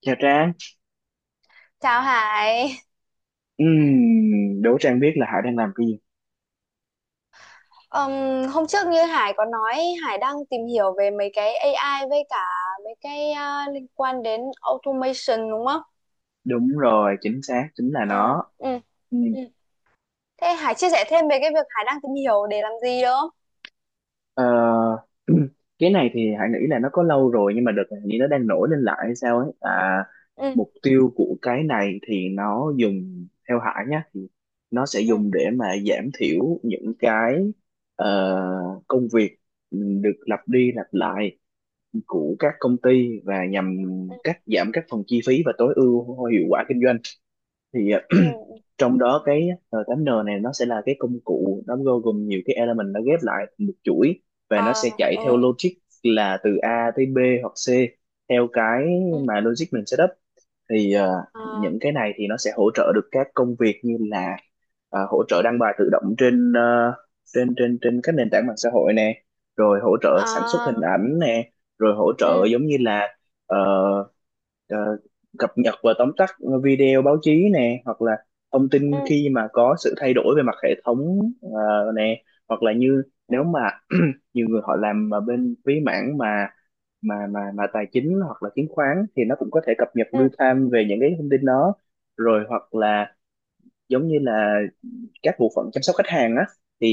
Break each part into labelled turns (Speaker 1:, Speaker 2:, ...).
Speaker 1: Chào Trang.
Speaker 2: Chào Hải.
Speaker 1: Đố Trang biết là Hải đang làm cái gì?
Speaker 2: Ừm, Hôm trước như Hải có nói Hải đang tìm hiểu về mấy cái AI với cả mấy cái liên quan đến automation đúng không?
Speaker 1: Đúng rồi, chính xác, chính là
Speaker 2: Ờ,
Speaker 1: nó.
Speaker 2: ừ,
Speaker 1: Ừm,
Speaker 2: ừ. Thế Hải chia sẻ thêm về cái việc Hải đang tìm hiểu để làm gì được không?
Speaker 1: ờ, cái này thì Hải nghĩ là nó có lâu rồi nhưng mà đợt này hình như nó đang nổi lên lại hay sao ấy. À,
Speaker 2: Ừ,
Speaker 1: mục tiêu của cái này thì nó dùng, theo Hải nhá, thì nó sẽ
Speaker 2: ừ,
Speaker 1: dùng để mà giảm thiểu những cái công việc được lặp đi lặp lại của các công ty và nhằm
Speaker 2: ừ,
Speaker 1: cắt giảm các phần chi phí và tối ưu hiệu quả kinh doanh. thì ờ,
Speaker 2: ừ, ừ.
Speaker 1: Trong đó cái R8N này nó sẽ là cái công cụ, nó bao gồm nhiều cái element nó ghép lại thành một chuỗi, và nó sẽ
Speaker 2: Ờ,
Speaker 1: chạy theo
Speaker 2: ừ,
Speaker 1: logic là từ A tới B hoặc C theo cái
Speaker 2: ừ,
Speaker 1: mà logic mình setup.
Speaker 2: ờ,
Speaker 1: Những cái này thì nó sẽ hỗ trợ được các công việc như là hỗ trợ đăng bài tự động trên trên các nền tảng mạng xã hội nè, rồi hỗ trợ
Speaker 2: ờ,
Speaker 1: sản xuất hình ảnh nè, rồi hỗ trợ
Speaker 2: ừ,
Speaker 1: giống như là ờ, ờ, cập nhật và tóm tắt video báo chí nè, hoặc là thông tin
Speaker 2: ừ,
Speaker 1: khi mà có sự thay đổi về mặt hệ thống nè, hoặc là như
Speaker 2: ừ,
Speaker 1: nếu mà nhiều người họ làm mà bên phía mảng mà tài chính hoặc là chứng khoán thì nó cũng có thể cập nhật
Speaker 2: ừ,
Speaker 1: real time về những cái thông tin đó, rồi hoặc là giống như là các bộ phận chăm sóc khách hàng á thì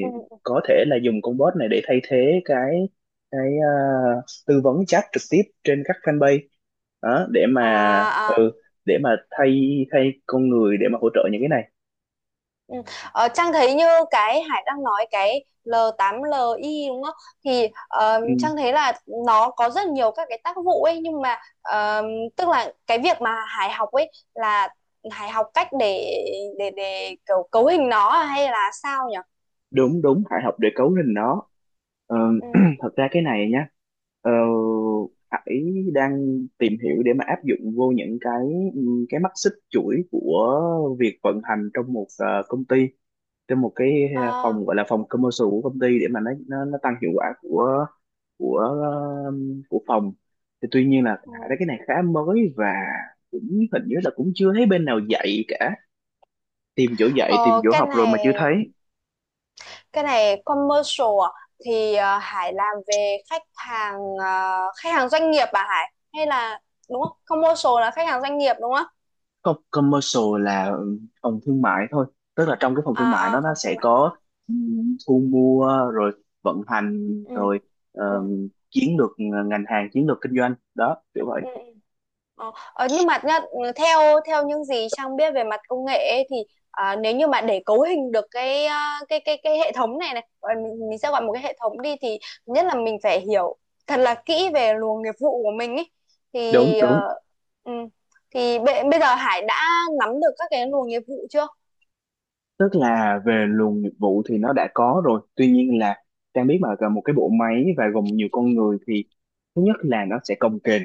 Speaker 2: ừ, ừ.
Speaker 1: có thể là dùng con bot này để thay thế cái ờ, tư vấn chat trực tiếp trên các fanpage đó để mà
Speaker 2: À.
Speaker 1: ừ, để mà thay thay con người để mà hỗ trợ những cái này.
Speaker 2: Ừ. Ờ, Trang thấy như cái Hải đang nói cái L8LI đúng không? Thì
Speaker 1: Ừ,
Speaker 2: Trang thấy là nó có rất nhiều các cái tác vụ ấy, nhưng mà tức là cái việc mà Hải học ấy là Hải học cách để kiểu cấu hình nó, à, hay là sao nhỉ?
Speaker 1: đúng đúng, phải học để cấu lên
Speaker 2: Ừ.
Speaker 1: nó. Ờ,
Speaker 2: Ừ.
Speaker 1: thật ra cái này nhá, ờ,
Speaker 2: Ừ.
Speaker 1: Hải đang tìm hiểu để mà áp dụng vô những cái mắt xích chuỗi của việc vận hành trong một công ty, trong một cái
Speaker 2: Ờ,
Speaker 1: phòng gọi là phòng commercial của công ty để mà nó tăng hiệu quả của của ờ, của phòng. Thì tuy nhiên là
Speaker 2: ừ.
Speaker 1: Hải thấy cái này khá mới và cũng hình như là cũng chưa thấy bên nào dạy cả, tìm chỗ dạy tìm
Speaker 2: Ờ,
Speaker 1: chỗ
Speaker 2: cái
Speaker 1: học rồi mà chưa
Speaker 2: này,
Speaker 1: thấy.
Speaker 2: commercial à? Thì Hải làm về khách hàng, khách hàng doanh nghiệp à Hải, hay là đúng không, commercial là khách hàng doanh nghiệp đúng không?
Speaker 1: Không, commercial là phòng thương mại thôi, tức là trong cái phòng thương
Speaker 2: À,
Speaker 1: mại
Speaker 2: à,
Speaker 1: nó
Speaker 2: phòng thương
Speaker 1: sẽ
Speaker 2: mại.
Speaker 1: có thu mua, rồi vận hành,
Speaker 2: Ừ,
Speaker 1: rồi
Speaker 2: ừ,
Speaker 1: chiến lược ngành hàng, chiến lược kinh doanh đó, kiểu vậy.
Speaker 2: ừ, ừ. Nhưng mà nhá, ừ, theo theo những gì Trang biết về mặt công nghệ ấy, thì à, nếu như mà để cấu hình được cái, à, cái hệ thống này, này gọi mình sẽ gọi một cái hệ thống đi, thì thứ nhất là mình phải hiểu thật là kỹ về luồng nghiệp vụ của mình ấy,
Speaker 1: Đúng
Speaker 2: thì
Speaker 1: Đúng.
Speaker 2: ừ, thì bây giờ Hải đã nắm được các cái luồng nghiệp vụ chưa?
Speaker 1: Tức là về luồng nghiệp vụ thì nó đã có rồi, tuy nhiên là Trang biết mà cả một cái bộ máy và gồm nhiều con người thì thứ nhất là nó sẽ cồng kềnh,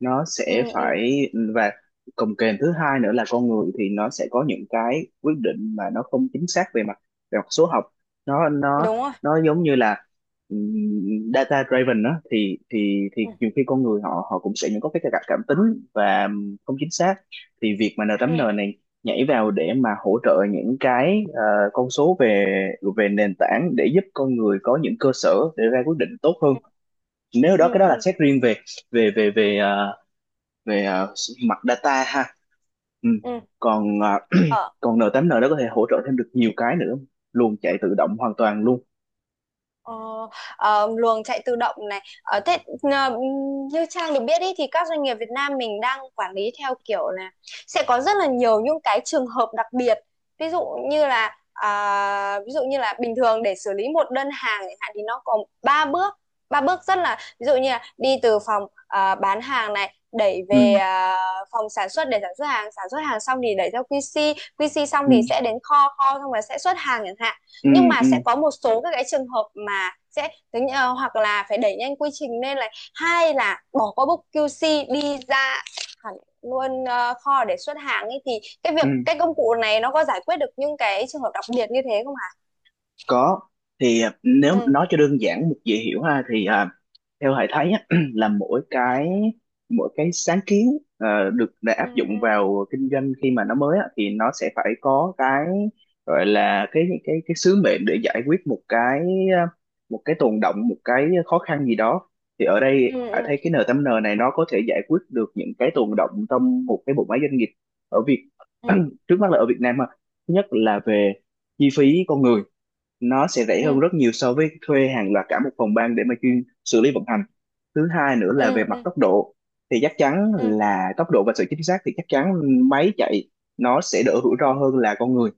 Speaker 1: nó
Speaker 2: Ừ,
Speaker 1: sẽ
Speaker 2: ừ,
Speaker 1: phải và cồng kềnh. Thứ hai nữa là con người thì nó sẽ có những cái quyết định mà nó không chính xác về mặt số học. nó nó
Speaker 2: đúng rồi.
Speaker 1: nó giống như là data driven đó, thì
Speaker 2: Ừ,
Speaker 1: nhiều khi con người họ họ cũng sẽ những có cái cảm cảm tính và không chính xác. Thì việc mà n
Speaker 2: ừ,
Speaker 1: tám n này nhảy vào để mà hỗ trợ những cái con số về về nền tảng để giúp con người có những cơ sở để ra quyết định tốt
Speaker 2: ừ,
Speaker 1: hơn. Nếu
Speaker 2: ừ,
Speaker 1: đó cái đó là
Speaker 2: ừ,
Speaker 1: xét riêng về về về về ờ, mặt data ha. Ừ.
Speaker 2: ừ.
Speaker 1: Còn
Speaker 2: Ờ.
Speaker 1: còn n tám n đó có thể hỗ trợ thêm được nhiều cái nữa, luôn chạy tự động hoàn toàn luôn.
Speaker 2: Ờ, luồng chạy tự động này. Ờ, thế ờ, như Trang được biết ý, thì các doanh nghiệp Việt Nam mình đang quản lý theo kiểu là sẽ có rất là nhiều những cái trường hợp đặc biệt. Ví dụ như là, à, ví dụ như là bình thường để xử lý một đơn hàng chẳng hạn thì nó có ba bước, rất là, ví dụ như là đi từ phòng, à, bán hàng này đẩy
Speaker 1: Ừ.
Speaker 2: về, à, phòng sản xuất để sản xuất hàng, sản xuất hàng xong thì đẩy theo quy QC xong
Speaker 1: Ừ.
Speaker 2: thì sẽ đến kho, xong rồi sẽ xuất hàng chẳng hạn.
Speaker 1: Ừ.
Speaker 2: Nhưng mà
Speaker 1: Ừ.
Speaker 2: sẽ có một số các cái trường hợp mà sẽ tính hoặc là phải đẩy nhanh quy trình, nên là hay là bỏ qua book QC đi ra hẳn luôn kho để xuất hàng ấy, thì cái
Speaker 1: Ừ.
Speaker 2: việc, cái công cụ này nó có giải quyết được những cái trường hợp đặc biệt như thế không hả?
Speaker 1: Có. Thì à, nếu
Speaker 2: Ừ,
Speaker 1: nói cho đơn giản dễ hiểu ha thì à, theo thầy thấy á, là mỗi cái sáng kiến à, được để
Speaker 2: ừ,
Speaker 1: áp dụng
Speaker 2: ừ,
Speaker 1: vào kinh doanh khi mà nó mới á, thì nó sẽ phải có cái gọi là cái sứ mệnh để giải quyết một à, một cái tồn đọng, một cái khó khăn gì đó. Thì ở đây thầy
Speaker 2: ừ,
Speaker 1: thấy cái N8N này nó có thể giải quyết được những cái tồn đọng trong một cái bộ máy doanh nghiệp ở
Speaker 2: ừ,
Speaker 1: trước mắt là ở Việt Nam ha. Thứ nhất là về chi phí con người, nó sẽ rẻ
Speaker 2: ừ,
Speaker 1: hơn rất nhiều so với thuê hàng loạt cả một phòng ban để mà chuyên xử lý vận hành. Thứ hai nữa
Speaker 2: ừ,
Speaker 1: là về
Speaker 2: ừ,
Speaker 1: mặt
Speaker 2: ừ,
Speaker 1: tốc độ, thì chắc chắn
Speaker 2: ừ.
Speaker 1: là tốc độ và sự chính xác thì chắc chắn máy chạy nó sẽ đỡ rủi ro hơn là con người.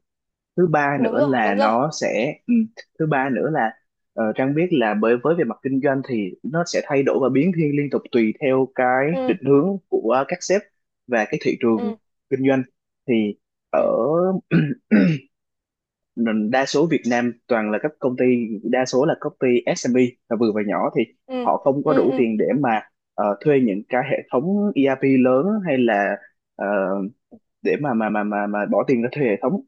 Speaker 1: Thứ ba
Speaker 2: Đúng
Speaker 1: nữa
Speaker 2: rồi,
Speaker 1: là
Speaker 2: đúng rồi.
Speaker 1: nó sẽ ừ, thứ ba nữa là ờ, Trang biết là bởi với về mặt kinh doanh thì nó sẽ thay đổi và biến thiên liên tục tùy theo cái
Speaker 2: Ừ,
Speaker 1: định hướng của các sếp và cái thị trường
Speaker 2: ừ,
Speaker 1: kinh doanh. Thì ở
Speaker 2: ừ,
Speaker 1: nên đa số Việt Nam toàn là các công ty, đa số là công ty SME, là vừa và nhỏ, thì
Speaker 2: ừ,
Speaker 1: họ không có
Speaker 2: ừ,
Speaker 1: đủ
Speaker 2: ừ,
Speaker 1: tiền để mà thuê những cái hệ thống ERP lớn, hay là ờ, để mà bỏ tiền ra thuê hệ thống,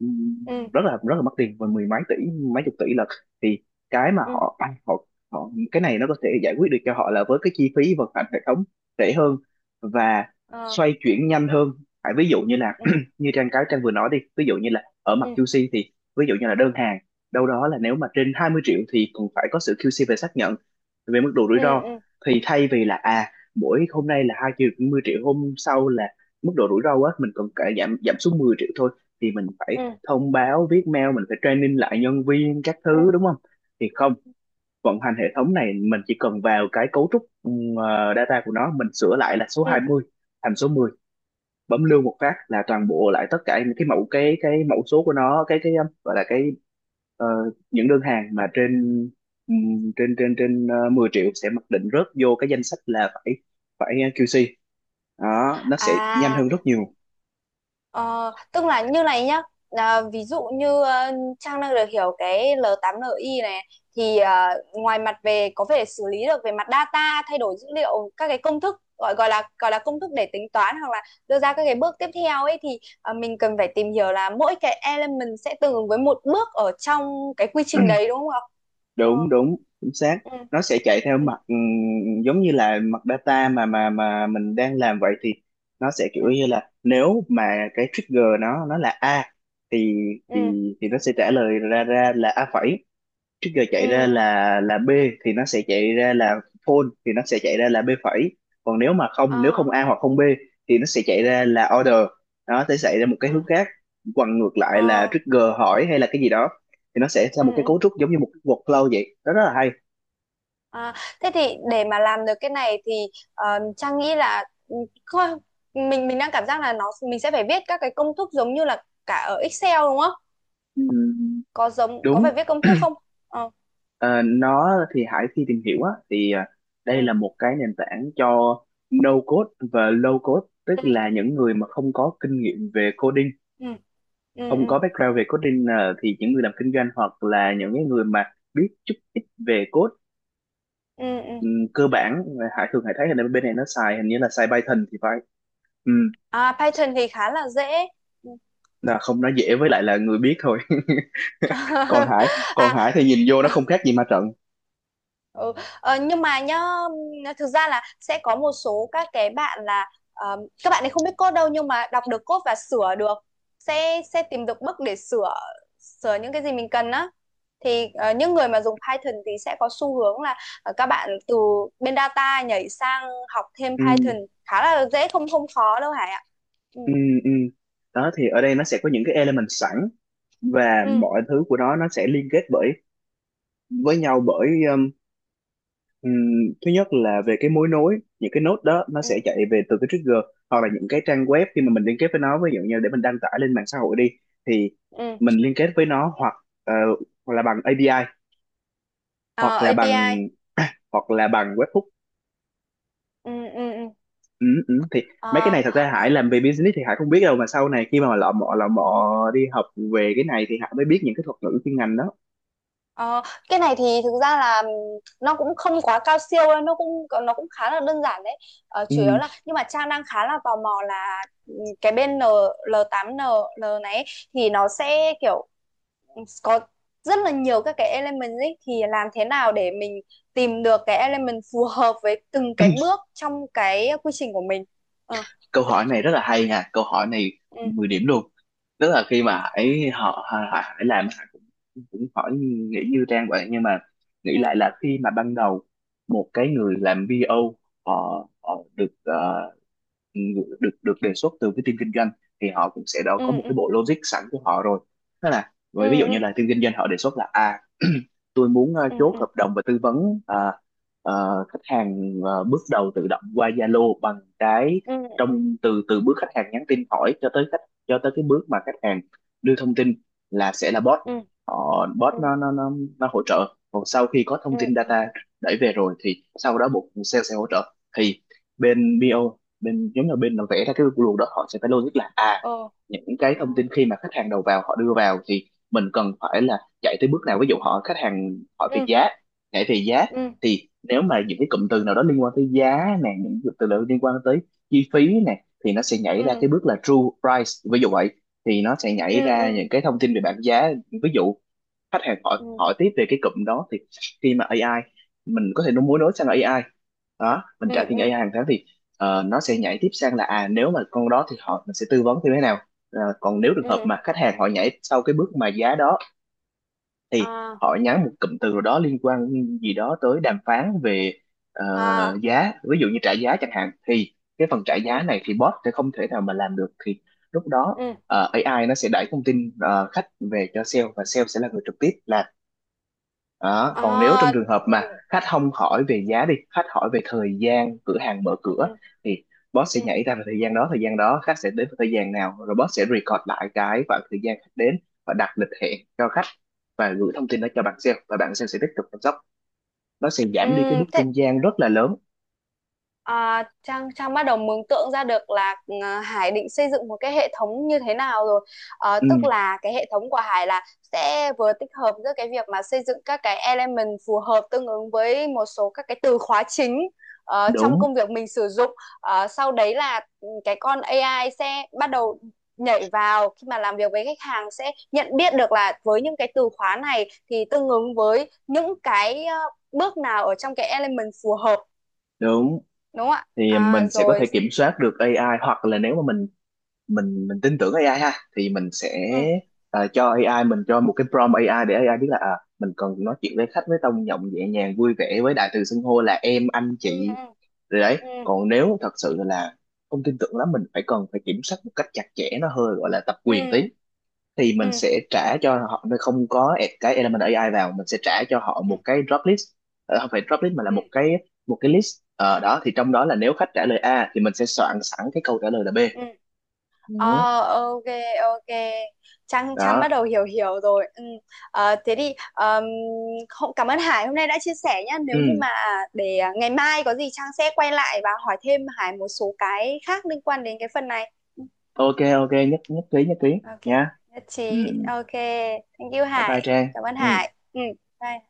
Speaker 1: ừm,
Speaker 2: ừ,
Speaker 1: rất là mất tiền, và mười mấy tỷ, mấy
Speaker 2: ừ,
Speaker 1: chục tỷ lận. Thì cái mà
Speaker 2: ừ,
Speaker 1: họ à, họ họ, cái này nó có thể giải quyết được cho họ là với cái chi phí vận hành hệ thống rẻ hơn và
Speaker 2: ờ,
Speaker 1: xoay chuyển nhanh hơn. Tại ví dụ như là
Speaker 2: ừ,
Speaker 1: như Trang vừa nói đi, ví dụ như là ở mặt
Speaker 2: ừ,
Speaker 1: QC thì ví dụ như là đơn hàng đâu đó là nếu mà trên 20 triệu thì cũng phải có sự QC về xác nhận về mức độ rủi
Speaker 2: ừ,
Speaker 1: ro.
Speaker 2: ừ,
Speaker 1: Thì thay vì là à, mỗi hôm nay là 2 triệu, 20 triệu, hôm sau là mức độ rủi ro á, mình cần cải giảm giảm xuống 10 triệu thôi, thì mình phải
Speaker 2: ừ,
Speaker 1: thông báo viết mail, mình phải training lại nhân viên các
Speaker 2: ừ,
Speaker 1: thứ đúng không. Thì không, vận hành hệ thống này mình chỉ cần vào cái cấu trúc data của nó, mình sửa lại là số
Speaker 2: ừ.
Speaker 1: 20 thành số 10, bấm lưu một phát là toàn bộ lại tất cả những cái mẫu, cái mẫu số của nó, cái gọi là cái ờ, những đơn hàng mà trên trên trên trên ờ, 10 triệu sẽ mặc định rớt vô cái danh sách là phải phải QC, đó nó sẽ nhanh
Speaker 2: À.
Speaker 1: hơn rất nhiều.
Speaker 2: Ờ, tức là như này nhá, à, ví dụ như Trang đang được hiểu cái L8NI này thì ngoài mặt về có thể xử lý được về mặt data, thay đổi dữ liệu các cái công thức, gọi gọi là công thức để tính toán hoặc là đưa ra các cái bước tiếp theo ấy, thì mình cần phải tìm hiểu là mỗi cái element sẽ tương ứng với một bước ở trong cái quy trình đấy đúng không ạ? Ờ,
Speaker 1: đúng Đúng, chính xác.
Speaker 2: ừ,
Speaker 1: Nó sẽ chạy theo
Speaker 2: ừ,
Speaker 1: mặt giống như là mặt data mà mình đang làm vậy. Thì nó sẽ kiểu
Speaker 2: ừ,
Speaker 1: như là nếu mà cái trigger nó là a thì thì
Speaker 2: ừ,
Speaker 1: nó sẽ trả lời ra ra là a phẩy, trước giờ
Speaker 2: ừ,
Speaker 1: chạy ra
Speaker 2: ừ,
Speaker 1: là B thì nó sẽ chạy ra là phone, thì nó sẽ chạy ra là B phẩy. Còn nếu mà không, nếu
Speaker 2: ờ,
Speaker 1: không A hoặc không B thì nó sẽ chạy ra là order, nó sẽ chạy ra một cái
Speaker 2: ờ,
Speaker 1: hướng khác. Còn ngược lại là
Speaker 2: ờ,
Speaker 1: trigger hỏi hay là cái gì đó thì nó sẽ ra
Speaker 2: ừ,
Speaker 1: một cái
Speaker 2: ừ.
Speaker 1: cấu trúc giống như một cái workflow vậy đó, rất là hay.
Speaker 2: À, thế thì để mà làm được cái này thì Trang nghĩ là, ừ, coi- mình, đang cảm giác là nó, mình sẽ phải viết các cái công thức giống như là cả ở Excel đúng không?
Speaker 1: Ừm,
Speaker 2: Có giống, có phải
Speaker 1: đúng.
Speaker 2: viết công thức không? Ờ,
Speaker 1: Ờ, nó thì Hải khi tìm hiểu á thì à,
Speaker 2: ừ,
Speaker 1: đây là một cái nền tảng cho no code và low code, tức
Speaker 2: ừ,
Speaker 1: là những người mà không có kinh nghiệm về coding,
Speaker 2: ừ, ừ,
Speaker 1: không
Speaker 2: ừ,
Speaker 1: có background về coding, thì những người làm kinh doanh hoặc là những cái người mà biết chút ít về code
Speaker 2: ừ, ừ.
Speaker 1: cơ bản. Hải thấy là bên này nó xài hình như là xài Python thì phải. Ừm,
Speaker 2: À, Python thì khá là dễ. Ừ.
Speaker 1: là không, nó dễ với lại là người biết thôi. còn Hải
Speaker 2: À.
Speaker 1: Còn Hải thì nhìn vô nó không khác gì ma trận.
Speaker 2: Ừ. Ờ, nhưng mà nhá, thực ra là sẽ có một số các cái bạn là, các bạn ấy không biết code đâu nhưng mà đọc được code và sửa được, sẽ tìm được bug để sửa, những cái gì mình cần á, thì những người mà dùng Python thì sẽ có xu hướng là các bạn từ bên data nhảy sang học thêm
Speaker 1: Ừm,
Speaker 2: Python, khá là dễ, không, không khó đâu Hải ạ. Ừ,
Speaker 1: ừm, ừm. Đó thì ở đây nó sẽ có những cái element sẵn, và
Speaker 2: ừ,
Speaker 1: mọi thứ của nó sẽ liên kết với nhau bởi Ừm, thứ nhất là về cái mối nối. Những cái node đó nó
Speaker 2: ừ,
Speaker 1: sẽ chạy về từ cái trigger, hoặc là những cái trang web khi mà mình liên kết với nó, ví dụ như để mình đăng tải lên mạng xã hội đi thì
Speaker 2: ừ.
Speaker 1: mình liên kết với nó, hoặc ờ, hoặc là bằng API,
Speaker 2: Ờ,
Speaker 1: hoặc là bằng
Speaker 2: API.
Speaker 1: hoặc là bằng webhook.
Speaker 2: Ừ, ừ,
Speaker 1: Ừ, ừ. Thì mấy cái này thật
Speaker 2: ừ.
Speaker 1: ra Hải làm về business thì Hải không biết đâu, mà sau này khi mà lọ mọ đi học về cái này thì Hải mới biết những cái thuật ngữ chuyên ngành đó.
Speaker 2: Ờ, cái này thì thực ra là nó cũng không quá cao siêu đâu, nó cũng, khá là đơn giản đấy. Ờ, chủ yếu
Speaker 1: Ừ.
Speaker 2: là, nhưng mà Trang đang khá là tò mò là, cái bên N, l tám n l này ấy, thì nó sẽ kiểu có rất là nhiều các cái element ấy, thì làm thế nào để mình tìm được cái element phù hợp với từng cái bước trong cái quy trình của mình. Ờ,
Speaker 1: Câu hỏi này rất là hay nha, câu hỏi này
Speaker 2: ừ,
Speaker 1: 10 điểm luôn. Tức là khi
Speaker 2: ừ,
Speaker 1: mà Hải họ, Hải làm Hải cũng cũng hỏi, nghĩ như Trang vậy, nhưng mà nghĩ
Speaker 2: ừ,
Speaker 1: lại là khi mà ban đầu một cái người làm BO, họ được được được đề xuất từ cái team kinh doanh thì họ cũng sẽ đã có
Speaker 2: ừ,
Speaker 1: một
Speaker 2: ừ,
Speaker 1: cái bộ logic sẵn của họ rồi. Tức là
Speaker 2: ừ,
Speaker 1: ví dụ như là team kinh doanh họ đề xuất là à, tôi muốn
Speaker 2: ừ, ừ,
Speaker 1: chốt
Speaker 2: ừ,
Speaker 1: hợp đồng và tư vấn khách hàng bước đầu tự động qua Zalo bằng cái,
Speaker 2: ừ, ừ, ừ,
Speaker 1: trong từ từ bước khách hàng nhắn tin hỏi cho tới khách, cho tới cái bước mà khách hàng đưa thông tin là sẽ là bot.
Speaker 2: ừ, ừ,
Speaker 1: Họ bot
Speaker 2: ừ, ừ,
Speaker 1: nó hỗ trợ, còn sau khi có
Speaker 2: ừ,
Speaker 1: thông tin data đẩy về rồi thì sau đó bộ phận sale sẽ hỗ trợ, thì bên BO, bên giống như bên làm vẽ ra cái luồng đó họ sẽ phải logic là à, những cái thông tin khi mà khách hàng đầu vào họ đưa vào thì mình cần phải là chạy tới bước nào. Ví dụ họ khách hàng hỏi
Speaker 2: ừ,
Speaker 1: về
Speaker 2: ừ, ừ,
Speaker 1: giá, nhảy về giá,
Speaker 2: ừ,
Speaker 1: thì nếu mà những cái cụm từ nào đó liên quan tới giá này, những cụm từ nào liên quan tới chi phí này thì nó sẽ nhảy ra cái
Speaker 2: ừ,
Speaker 1: bước là true price ví dụ vậy, thì nó sẽ nhảy
Speaker 2: ừ,
Speaker 1: ra
Speaker 2: ừ,
Speaker 1: những cái thông tin về bảng giá. Ví dụ khách hàng hỏi
Speaker 2: ừ,
Speaker 1: hỏi tiếp về cái cụm đó thì khi mà AI, mình có thể nó muốn nối sang AI đó, mình
Speaker 2: ừ,
Speaker 1: trả tiền
Speaker 2: ừ,
Speaker 1: AI hàng tháng, thì nó sẽ nhảy tiếp sang là à, nếu mà con đó thì họ mình sẽ tư vấn như thế nào. Ờ, còn nếu trường hợp
Speaker 2: ừ,
Speaker 1: mà khách hàng họ nhảy sau cái bước mà giá đó thì
Speaker 2: à,
Speaker 1: họ nhắn một cụm từ nào đó liên quan gì đó tới đàm phán về ờ,
Speaker 2: à,
Speaker 1: giá, ví dụ như trả giá chẳng hạn, thì cái phần trả
Speaker 2: ừ,
Speaker 1: giá này thì bot sẽ không thể nào mà làm được, thì lúc đó
Speaker 2: ừ,
Speaker 1: AI nó sẽ đẩy thông tin khách về cho sale và sale sẽ là người trực tiếp là đó. Còn nếu trong
Speaker 2: à,
Speaker 1: trường hợp
Speaker 2: ừ,
Speaker 1: mà khách không hỏi về giá đi, khách hỏi về thời gian cửa hàng mở cửa
Speaker 2: ừ,
Speaker 1: thì boss
Speaker 2: ừ,
Speaker 1: sẽ nhảy ra vào thời gian đó, thời gian đó khách sẽ đến vào thời gian nào, rồi boss sẽ record lại cái khoảng thời gian khách đến và đặt lịch hẹn cho khách và gửi thông tin đó cho bạn sale và bạn sale sẽ tiếp tục chăm sóc. Nó sẽ
Speaker 2: ừ,
Speaker 1: giảm đi cái bước
Speaker 2: ừ.
Speaker 1: trung gian rất là lớn.
Speaker 2: À, Trang Trang bắt đầu mường tượng ra được là Hải định xây dựng một cái hệ thống như thế nào rồi. Ờ,
Speaker 1: Ừ,
Speaker 2: tức là cái hệ thống của Hải là sẽ vừa tích hợp giữa cái việc mà xây dựng các cái element phù hợp tương ứng với một số các cái từ khóa chính trong
Speaker 1: đúng
Speaker 2: công việc mình sử dụng. Ờ, sau đấy là, ừ, cái con AI sẽ bắt đầu nhảy vào khi mà làm việc với khách hàng, sẽ nhận biết được là với những cái từ khóa này thì tương ứng với những cái bước nào ở trong cái element phù hợp,
Speaker 1: đúng.
Speaker 2: đúng không ạ?
Speaker 1: Thì mình
Speaker 2: À,
Speaker 1: sẽ có
Speaker 2: rồi.
Speaker 1: thể kiểm soát được AI, hoặc là nếu mà mình tin tưởng AI ha thì mình sẽ
Speaker 2: Ừ,
Speaker 1: à, cho AI, mình cho một cái prompt AI để AI biết là à, mình cần nói chuyện với khách với tông giọng nhẹ nhàng vui vẻ với đại từ xưng hô là em anh chị
Speaker 2: ừ,
Speaker 1: rồi đấy.
Speaker 2: ừ,
Speaker 1: Còn nếu thật sự là không tin tưởng lắm, mình phải cần phải kiểm soát một cách chặt chẽ, nó hơi gọi là tập
Speaker 2: ừ,
Speaker 1: quyền tí,
Speaker 2: ừ,
Speaker 1: thì
Speaker 2: ừ,
Speaker 1: mình sẽ trả cho họ, nó không có add cái element AI vào, mình sẽ trả cho họ
Speaker 2: ừ,
Speaker 1: một cái drop list. Ờ, không phải drop list mà là
Speaker 2: ừ,
Speaker 1: một cái list. Ờ, đó thì trong đó là nếu khách trả lời A thì mình sẽ soạn sẵn cái câu trả lời là B.
Speaker 2: ừ.
Speaker 1: Ừ,
Speaker 2: Ờ, ok, ok, Trang Trang bắt
Speaker 1: đó.
Speaker 2: đầu hiểu, rồi. Ừ. Ờ, thế thì, không, cảm ơn Hải hôm nay đã chia sẻ nhá, nếu như
Speaker 1: Ừ,
Speaker 2: mà để à, ngày mai có gì Trang sẽ quay lại và hỏi thêm Hải một số cái khác liên quan đến cái phần này. Ừ,
Speaker 1: ok, ok, nhất nhất trí
Speaker 2: ok,
Speaker 1: nha.
Speaker 2: nhất trí,
Speaker 1: Ừ ừ.
Speaker 2: ok, thank you
Speaker 1: Bye bye
Speaker 2: Hải,
Speaker 1: Trang.
Speaker 2: cảm ơn
Speaker 1: Ừ.
Speaker 2: Hải. Ừ, bye.